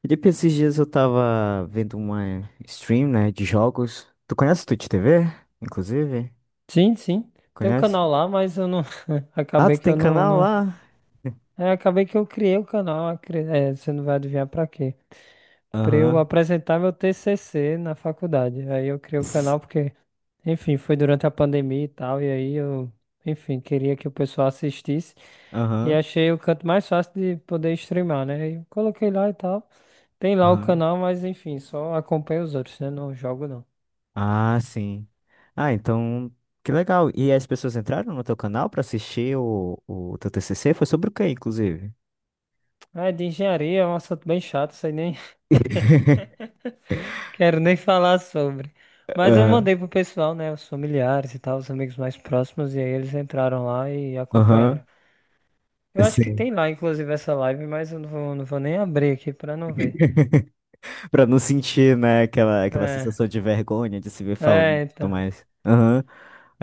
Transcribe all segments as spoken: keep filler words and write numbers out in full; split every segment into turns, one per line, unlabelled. Felipe, esses dias eu tava vendo uma stream, né, de jogos. Tu conhece o Twitch T V, inclusive?
Sim, sim. Tem um
Conhece?
canal lá, mas eu não.
Ah,
Acabei
tu
que
tem
eu não,
canal
não...
lá?
É, acabei que eu criei o canal. acre- É, você não vai adivinhar pra quê? Pra eu
Aham.
apresentar meu T C C na faculdade. Aí eu criei o
S-
canal porque, enfim, foi durante a pandemia e tal. E aí eu, enfim, queria que o pessoal assistisse. E
Aham.
achei o canto mais fácil de poder streamar, né? E coloquei lá e tal. Tem lá o
Aham.
canal, mas enfim, só acompanho os outros, né? Não jogo não.
Ah, sim. Ah, então, que legal. E as pessoas entraram no teu canal pra assistir o, o teu T C C? Foi sobre o quê, inclusive?
Ah, é de engenharia, é um assunto bem chato, sei nem. Quero nem falar sobre. Mas eu
Aham.
mandei pro pessoal, né? Os familiares e tal, os amigos mais próximos, e aí eles entraram lá e acompanharam.
Aham.
Eu acho que
Sim.
tem lá, inclusive, essa live, mas eu não vou, não vou nem abrir aqui pra não ver.
Pra não sentir, né, aquela, aquela
É,
sensação de vergonha de se ver falando e
é,
tudo
então.
mais. Aham.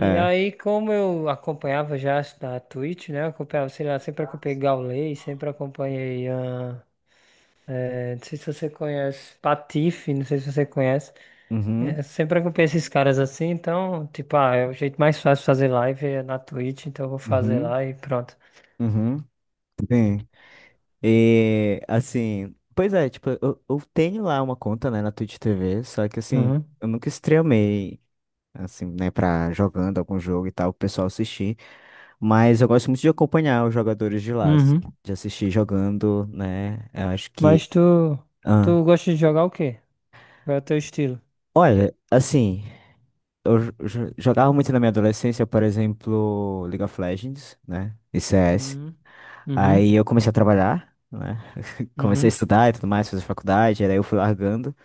E aí, como eu acompanhava já as da Twitch, né? Eu acompanhava, sei lá, sempre acompanhei Gaulei, sempre acompanhei. Ah, é, não sei se você conhece, Patife, não sei se você conhece. É,
Uhum.
sempre acompanho esses caras assim, então, tipo, ah, é o jeito mais fácil de fazer live é na Twitch, então eu vou fazer
Uhum.
lá e pronto.
Uhum, sim. E assim, pois é, tipo, eu, eu tenho lá uma conta, né, na Twitch T V, só que assim,
Uhum.
eu nunca streamei, assim, né, pra jogando algum jogo e tal, o pessoal assistir, mas eu gosto muito de acompanhar os jogadores de lá, assim,
Uhum.
de assistir jogando, né, eu acho
Mas
que
tu,
ah,
tu gosta de jogar o quê? Qual é o teu estilo?
olha, assim, eu jo- jo- jogava muito na minha adolescência, por exemplo, League of Legends, né, e C S.
Uhum. Uhum.
Aí eu comecei a trabalhar, né. Comecei a
Uhum.
estudar e tudo mais, fazer faculdade, aí eu fui largando.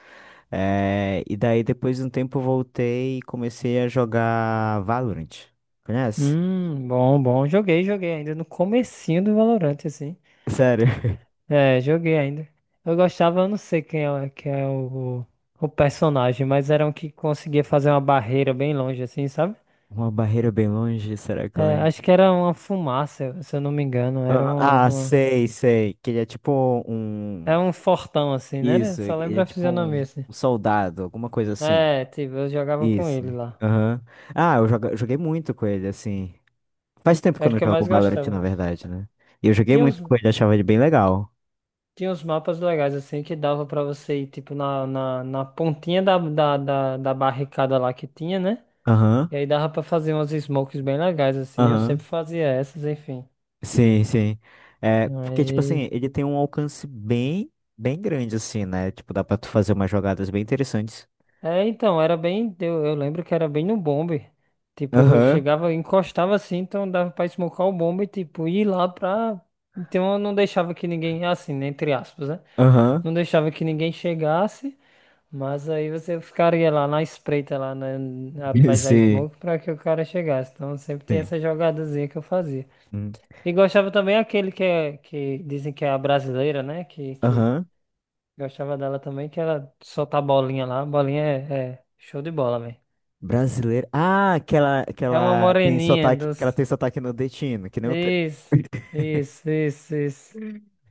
eh, e daí, depois de um tempo, eu voltei e comecei a jogar Valorant. Conhece?
Hum, bom, bom. Joguei, joguei ainda no comecinho do Valorant, assim.
Sério.
É, joguei ainda. Eu gostava, eu não sei quem é, quem é o, o personagem, mas era um que conseguia fazer uma barreira bem longe, assim, sabe?
Uma barreira bem longe, será que eu
É,
lembro?
acho que era uma fumaça, se eu não me engano. Era
Aham.
uma,
Ah,
uma-
sei, sei. Que ele é tipo um.
Era um fortão assim, né? Eu
Isso,
só
ele
lembro
é
a
tipo
fisionomia
um,
assim.
um soldado, alguma coisa assim.
É, tipo, eu jogava com ele
Isso.
lá.
Aham. Ah, eu joga- eu joguei muito com ele, assim. Faz tempo que eu
Era o
não
que eu
jogo
mais
Valorant,
gostava.
na verdade, né? E eu joguei
Tinha uns,
muito com ele, achava ele bem legal.
tinha uns mapas legais assim que dava pra você ir, tipo, na, na, na pontinha da, da, da, da barricada lá que tinha, né?
Aham,
E aí dava pra fazer umas smokes bem legais assim. Eu
aham.
sempre fazia essas, enfim.
Sim, sim. É, porque, tipo assim, ele tem um alcance bem, bem grande, assim, né? Tipo, dá pra tu fazer umas jogadas bem interessantes.
É, então, era bem. Eu, eu lembro que era bem no bombe. Tipo, eu
Aham,
chegava, encostava assim, então dava pra esmocar o bombe e, tipo, ir lá pra. Então eu não deixava que ninguém, assim, né, entre aspas, né?
aham.
Não deixava que ninguém chegasse, mas aí você ficaria lá na espreita, lá na- atrás da
Sim,
smoke, pra que o cara chegasse. Então sempre tinha
sim.
essa jogadazinha que eu fazia.
Hum.
E gostava também aquele que, é, que dizem que é a brasileira, né? Que, que
Aham.
Gostava dela também, que ela solta a bolinha lá. A bolinha é, é show de bola, velho.
Brasileiro. Ah, que ela, que
É uma
ela tem
moreninha
sotaque, que ela
dos.
tem sotaque nordestino, que nem o teu.
Isso, isso, isso, isso.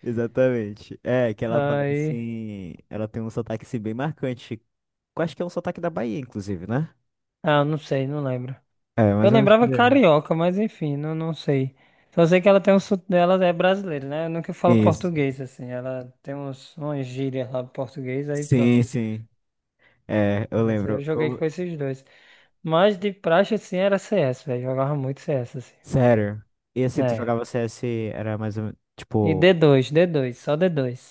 Exatamente. É, que ela fala
Aí.
assim. Ela tem um sotaque assim, bem marcante. Eu acho que é um sotaque da Bahia, inclusive, né?
Ah, não sei, não lembro.
É,
Eu
mais ou menos.
lembrava carioca, mas enfim, não, não sei. Só sei que ela tem um sotaque dela, é brasileira, né? Eu nunca falo
Isso.
português, assim. Ela tem uns, umas gírias lá em português, aí pronto.
Sim, sim. É, eu
Mas eu
lembro.
joguei com esses dois. Mas de praxe, assim, era C S, velho. Jogava muito C S, assim.
Sério. E assim, tu
É.
jogava C S, era mais ou menos,
E d
tipo,
dois d dois só d dois.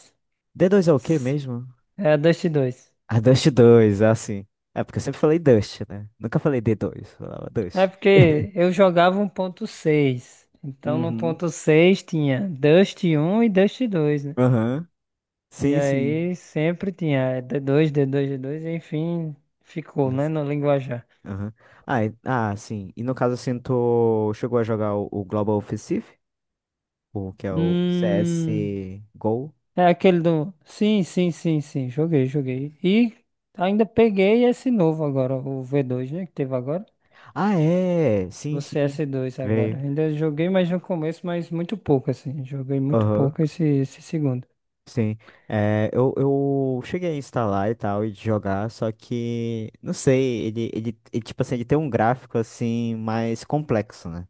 d dois é o quê mesmo?
É a Dust dois.
A Dust dois assim. É, porque eu sempre falei Dust, né? Nunca falei d dois, falava
É
Dust.
porque eu jogava um ponto seis. Então no
Uhum.
ponto seis tinha Dust um e Dust dois, né?
Aham.
E
Sim, sim.
aí sempre tinha d dois, d dois, d dois. Enfim, ficou, né,
Nossa.
no linguajar.
Aham. Ah, e- ah, sim. E no caso, assim, tu chegou a jogar o, o Global Offensive? O que é o C S
Hum,
G O?
é aquele do. Sim, sim, sim, sim, joguei, joguei. E ainda peguei esse novo agora, o v dois, né, que teve agora.
Ah, é! Sim,
O C
sim.
S dois agora.
Veio.
Ainda joguei mais no começo, mas muito pouco, assim. Joguei muito
Aham.
pouco esse, esse segundo.
Sim, é, eu, eu cheguei a instalar e tal, e de jogar, só que, não sei, ele, ele, ele, tipo assim, ele tem um gráfico, assim, mais complexo, né?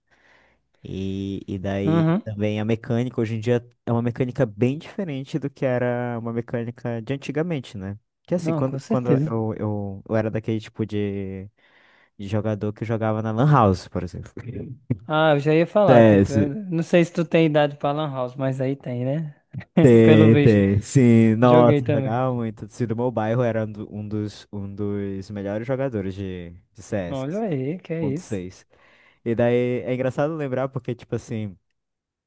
E, e daí
Uhum.
também a mecânica, hoje em dia, é uma mecânica bem diferente do que era uma mecânica de antigamente, né? Que assim,
Não, com
quando, quando
certeza.
eu, eu, eu era daquele tipo de, de jogador que jogava na Lan House, por exemplo.
Ah, eu já ia
C
falar, tipo, eu
S.
não sei se tu tem idade pra Lan House, mas aí tem, né? Pelo
Tem,
visto.
tem. Sim,
Joguei
nossa,
também.
jogava muito. Se do meu bairro era um do- um dos, um dos melhores jogadores de, de C S
Olha aí, que é
ponto
isso.
seis. E daí é engraçado lembrar porque, tipo assim,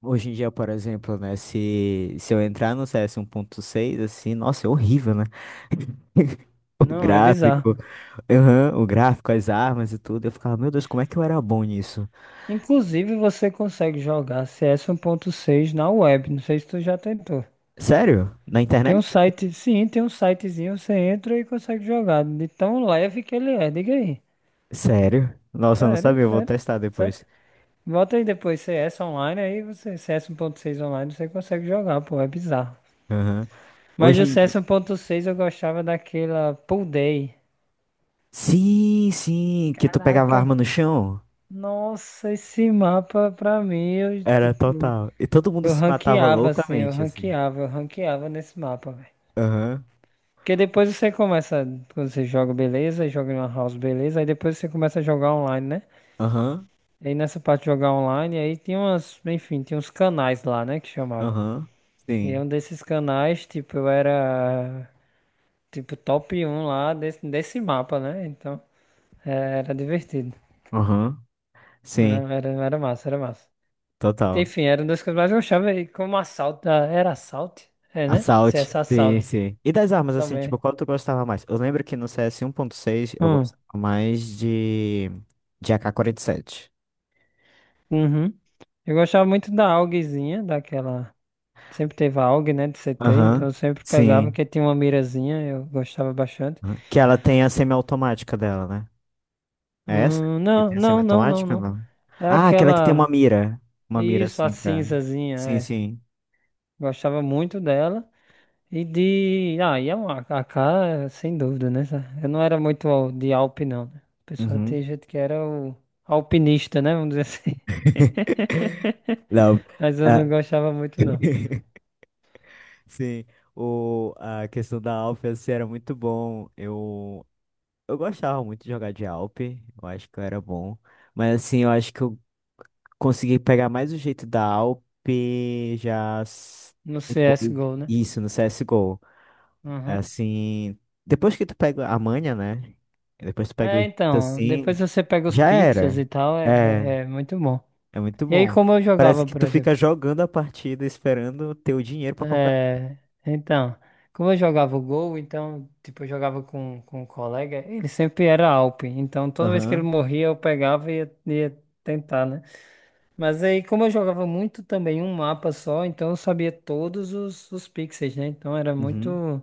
hoje em dia, por exemplo, né, se, se eu entrar no C S um ponto seis, assim, nossa, é horrível, né? O
Não, é bizarro.
gráfico, aham, o gráfico, as armas e tudo. Eu ficava, meu Deus, como é que eu era bom nisso?
Inclusive, você consegue jogar C S seis na web. Não sei se tu já tentou.
Sério? Na
Tem um
internet?
site, sim, tem um sitezinho, você entra e consegue jogar. De tão leve que ele é, diga aí.
Sério? Nossa, eu não
Sério,
sabia, eu vou
sério,
testar
sério.
depois.
Bota aí depois C S online, aí você, C S seis online, você consegue jogar, pô, é bizarro.
Aham.
Mas
Hoje
o
em
C
dia.
S um ponto seis eu gostava daquela Pool Day.
Sim, sim, que tu pegava a
Caraca,
arma no chão.
nossa, esse mapa pra mim, eu,
Era
tipo,
total. E todo mundo
eu
se matava
ranqueava assim, eu
loucamente, assim.
ranqueava, eu ranqueava nesse mapa, velho.
Aham,
Porque depois você começa, quando você joga, beleza, joga em uma house, beleza, aí depois você começa a jogar online, né?
aham,
E aí nessa parte de jogar online, aí tinha umas, enfim, tinha uns canais lá, né, que chamava.
aham.
E
Sim,
um desses canais, tipo, eu era, tipo, top um lá desse, desse mapa, né? Então, é, era divertido.
aham. Sim,
Não, Era, era massa, era massa.
total.
Enfim, eram duas coisas, mas eu achava aí como assalto. Ah, era assalto? É, né? Se
Assault.
C S
Sim,
assalto
sim. E das armas, assim,
também.
tipo, qual tu gostava mais? Eu lembro que no C S um ponto seis eu
Hum.
gostava mais de, de A K quarenta e sete.
Uhum. Eu gostava muito da augzinha, daquela. Sempre teve a aug, né, de C T, então eu
Aham,
sempre pegava,
sim.
que tinha uma mirazinha, eu gostava bastante.
Aham. Que ela tem a semiautomática dela, né? É essa?
Hum,
Que
não,
tem a
não, não, não,
semiautomática,
não.
não?
É
Ah, aquela que tem
aquela.
uma mira. Uma mira
Isso, a
assim pra.
cinzazinha,
Sim,
é.
sim.
Gostava muito dela. E de. Ah, e é um A K, sem dúvida, né? sa- Eu não era muito al- de Alpe, não, né? O pessoal
Uhum.
tem gente que era o alpinista, né? Vamos dizer assim.
Não.
Mas eu não
ah,
gostava muito, não.
Sim. O... A questão da Alp assim, era muito bom. Eu... eu gostava muito de jogar de Alp. Eu acho que eu era bom. Mas assim, eu acho que eu consegui pegar mais o jeito da Alp já s-
No
depois.
C S go, né?
Isso, no C S G O.
Uhum.
Assim, depois que tu pega a manha, né? Depois tu pega o
É,
jeito
então, depois
assim,
você pega os
já
pixels e
era.
tal, é,
É,
é é muito bom.
é muito
E aí,
bom.
como eu
Parece
jogava,
que
por
tu fica
exemplo?
jogando a partida esperando ter o dinheiro pra comprar.
É, então, como eu jogava o gol, então, tipo, eu jogava com, com um colega, ele sempre era Alp, então toda vez que ele
Aham.
morria eu pegava e ia, ia tentar, né? Mas aí, como eu jogava muito também um mapa só, então eu sabia todos os, os pixels, né? Então era
Uhum.
muito,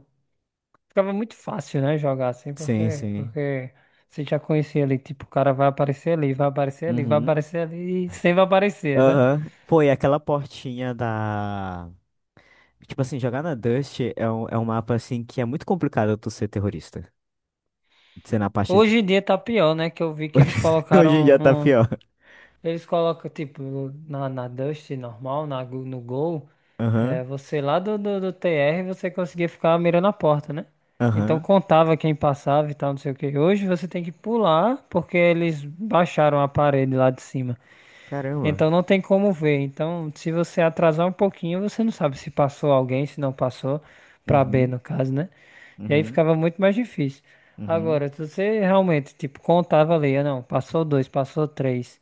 ficava muito fácil, né, jogar assim,
Sim,
porque,
sim.
porque você já conhecia ali, tipo, o cara vai aparecer ali, vai aparecer ali, vai
Uhum.
aparecer ali e sempre vai aparecer, né?
Aham. Pô, e aquela portinha da. Tipo assim, jogar na Dust é um, é um mapa assim que é muito complicado tu ser terrorista. Ser na parte de.
Hoje em dia tá pior, né? Que eu vi que eles
Hoje em
colocaram
dia tá
um.
pior.
Eles colocam, tipo, na, na Dust normal, na, Go- no Gol, é,
Aham.
você lá do, do, do T R, você conseguia ficar mirando a porta, né? Então
Aham.
contava quem passava e tal, não sei o que. Hoje você tem que pular, porque eles baixaram a parede lá de cima.
Caramba.
Então não tem como ver. Então, se você atrasar um pouquinho, você não sabe se passou alguém, se não passou, para B
Uhum.
no caso, né? E aí
Uhum.
ficava muito mais difícil.
Uhum.
Agora, se você realmente, tipo, contava ali, ah, não, passou dois, passou três,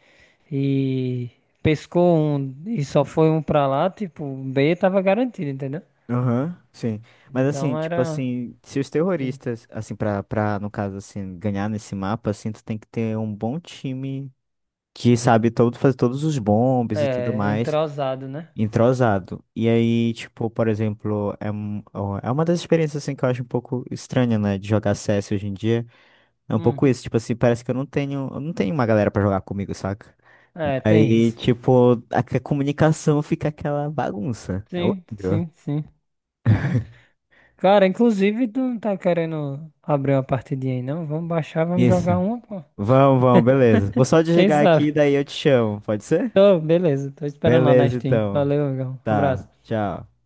e pescou um e só foi um pra lá, tipo, B tava garantido, entendeu?
Aham, sim. Mas assim,
Então
tipo
era,
assim, se os
tem-
terroristas, assim, pra, pra, no caso, assim, ganhar nesse mapa, assim, tu tem que ter um bom time que sabe todo, fazer todos os bombes e tudo
é,
mais,
entrosado, né?
entrosado. E aí, tipo, por exemplo, é, um- ó, é uma das experiências, assim, que eu acho um pouco estranha, né, de jogar C S hoje em dia. É um pouco
Hum,
isso, tipo assim, parece que eu não tenho, eu não tenho uma galera pra jogar comigo, saca?
é, tem
Aí,
isso.
tipo, a a comunicação fica aquela bagunça. É
Sim,
horrível.
sim, sim. Cara, inclusive tu não tá querendo abrir uma partidinha aí, não? Vamos baixar, vamos
Isso.
jogar uma, pô.
Vamos, vamos, beleza. Vou só
Quem
desligar
sabe?
aqui, daí eu te chamo, pode ser?
Tô, beleza. Tô esperando lá na
Beleza,
Steam.
então.
Valeu, amigão.
Tá,
Abraço.
tchau.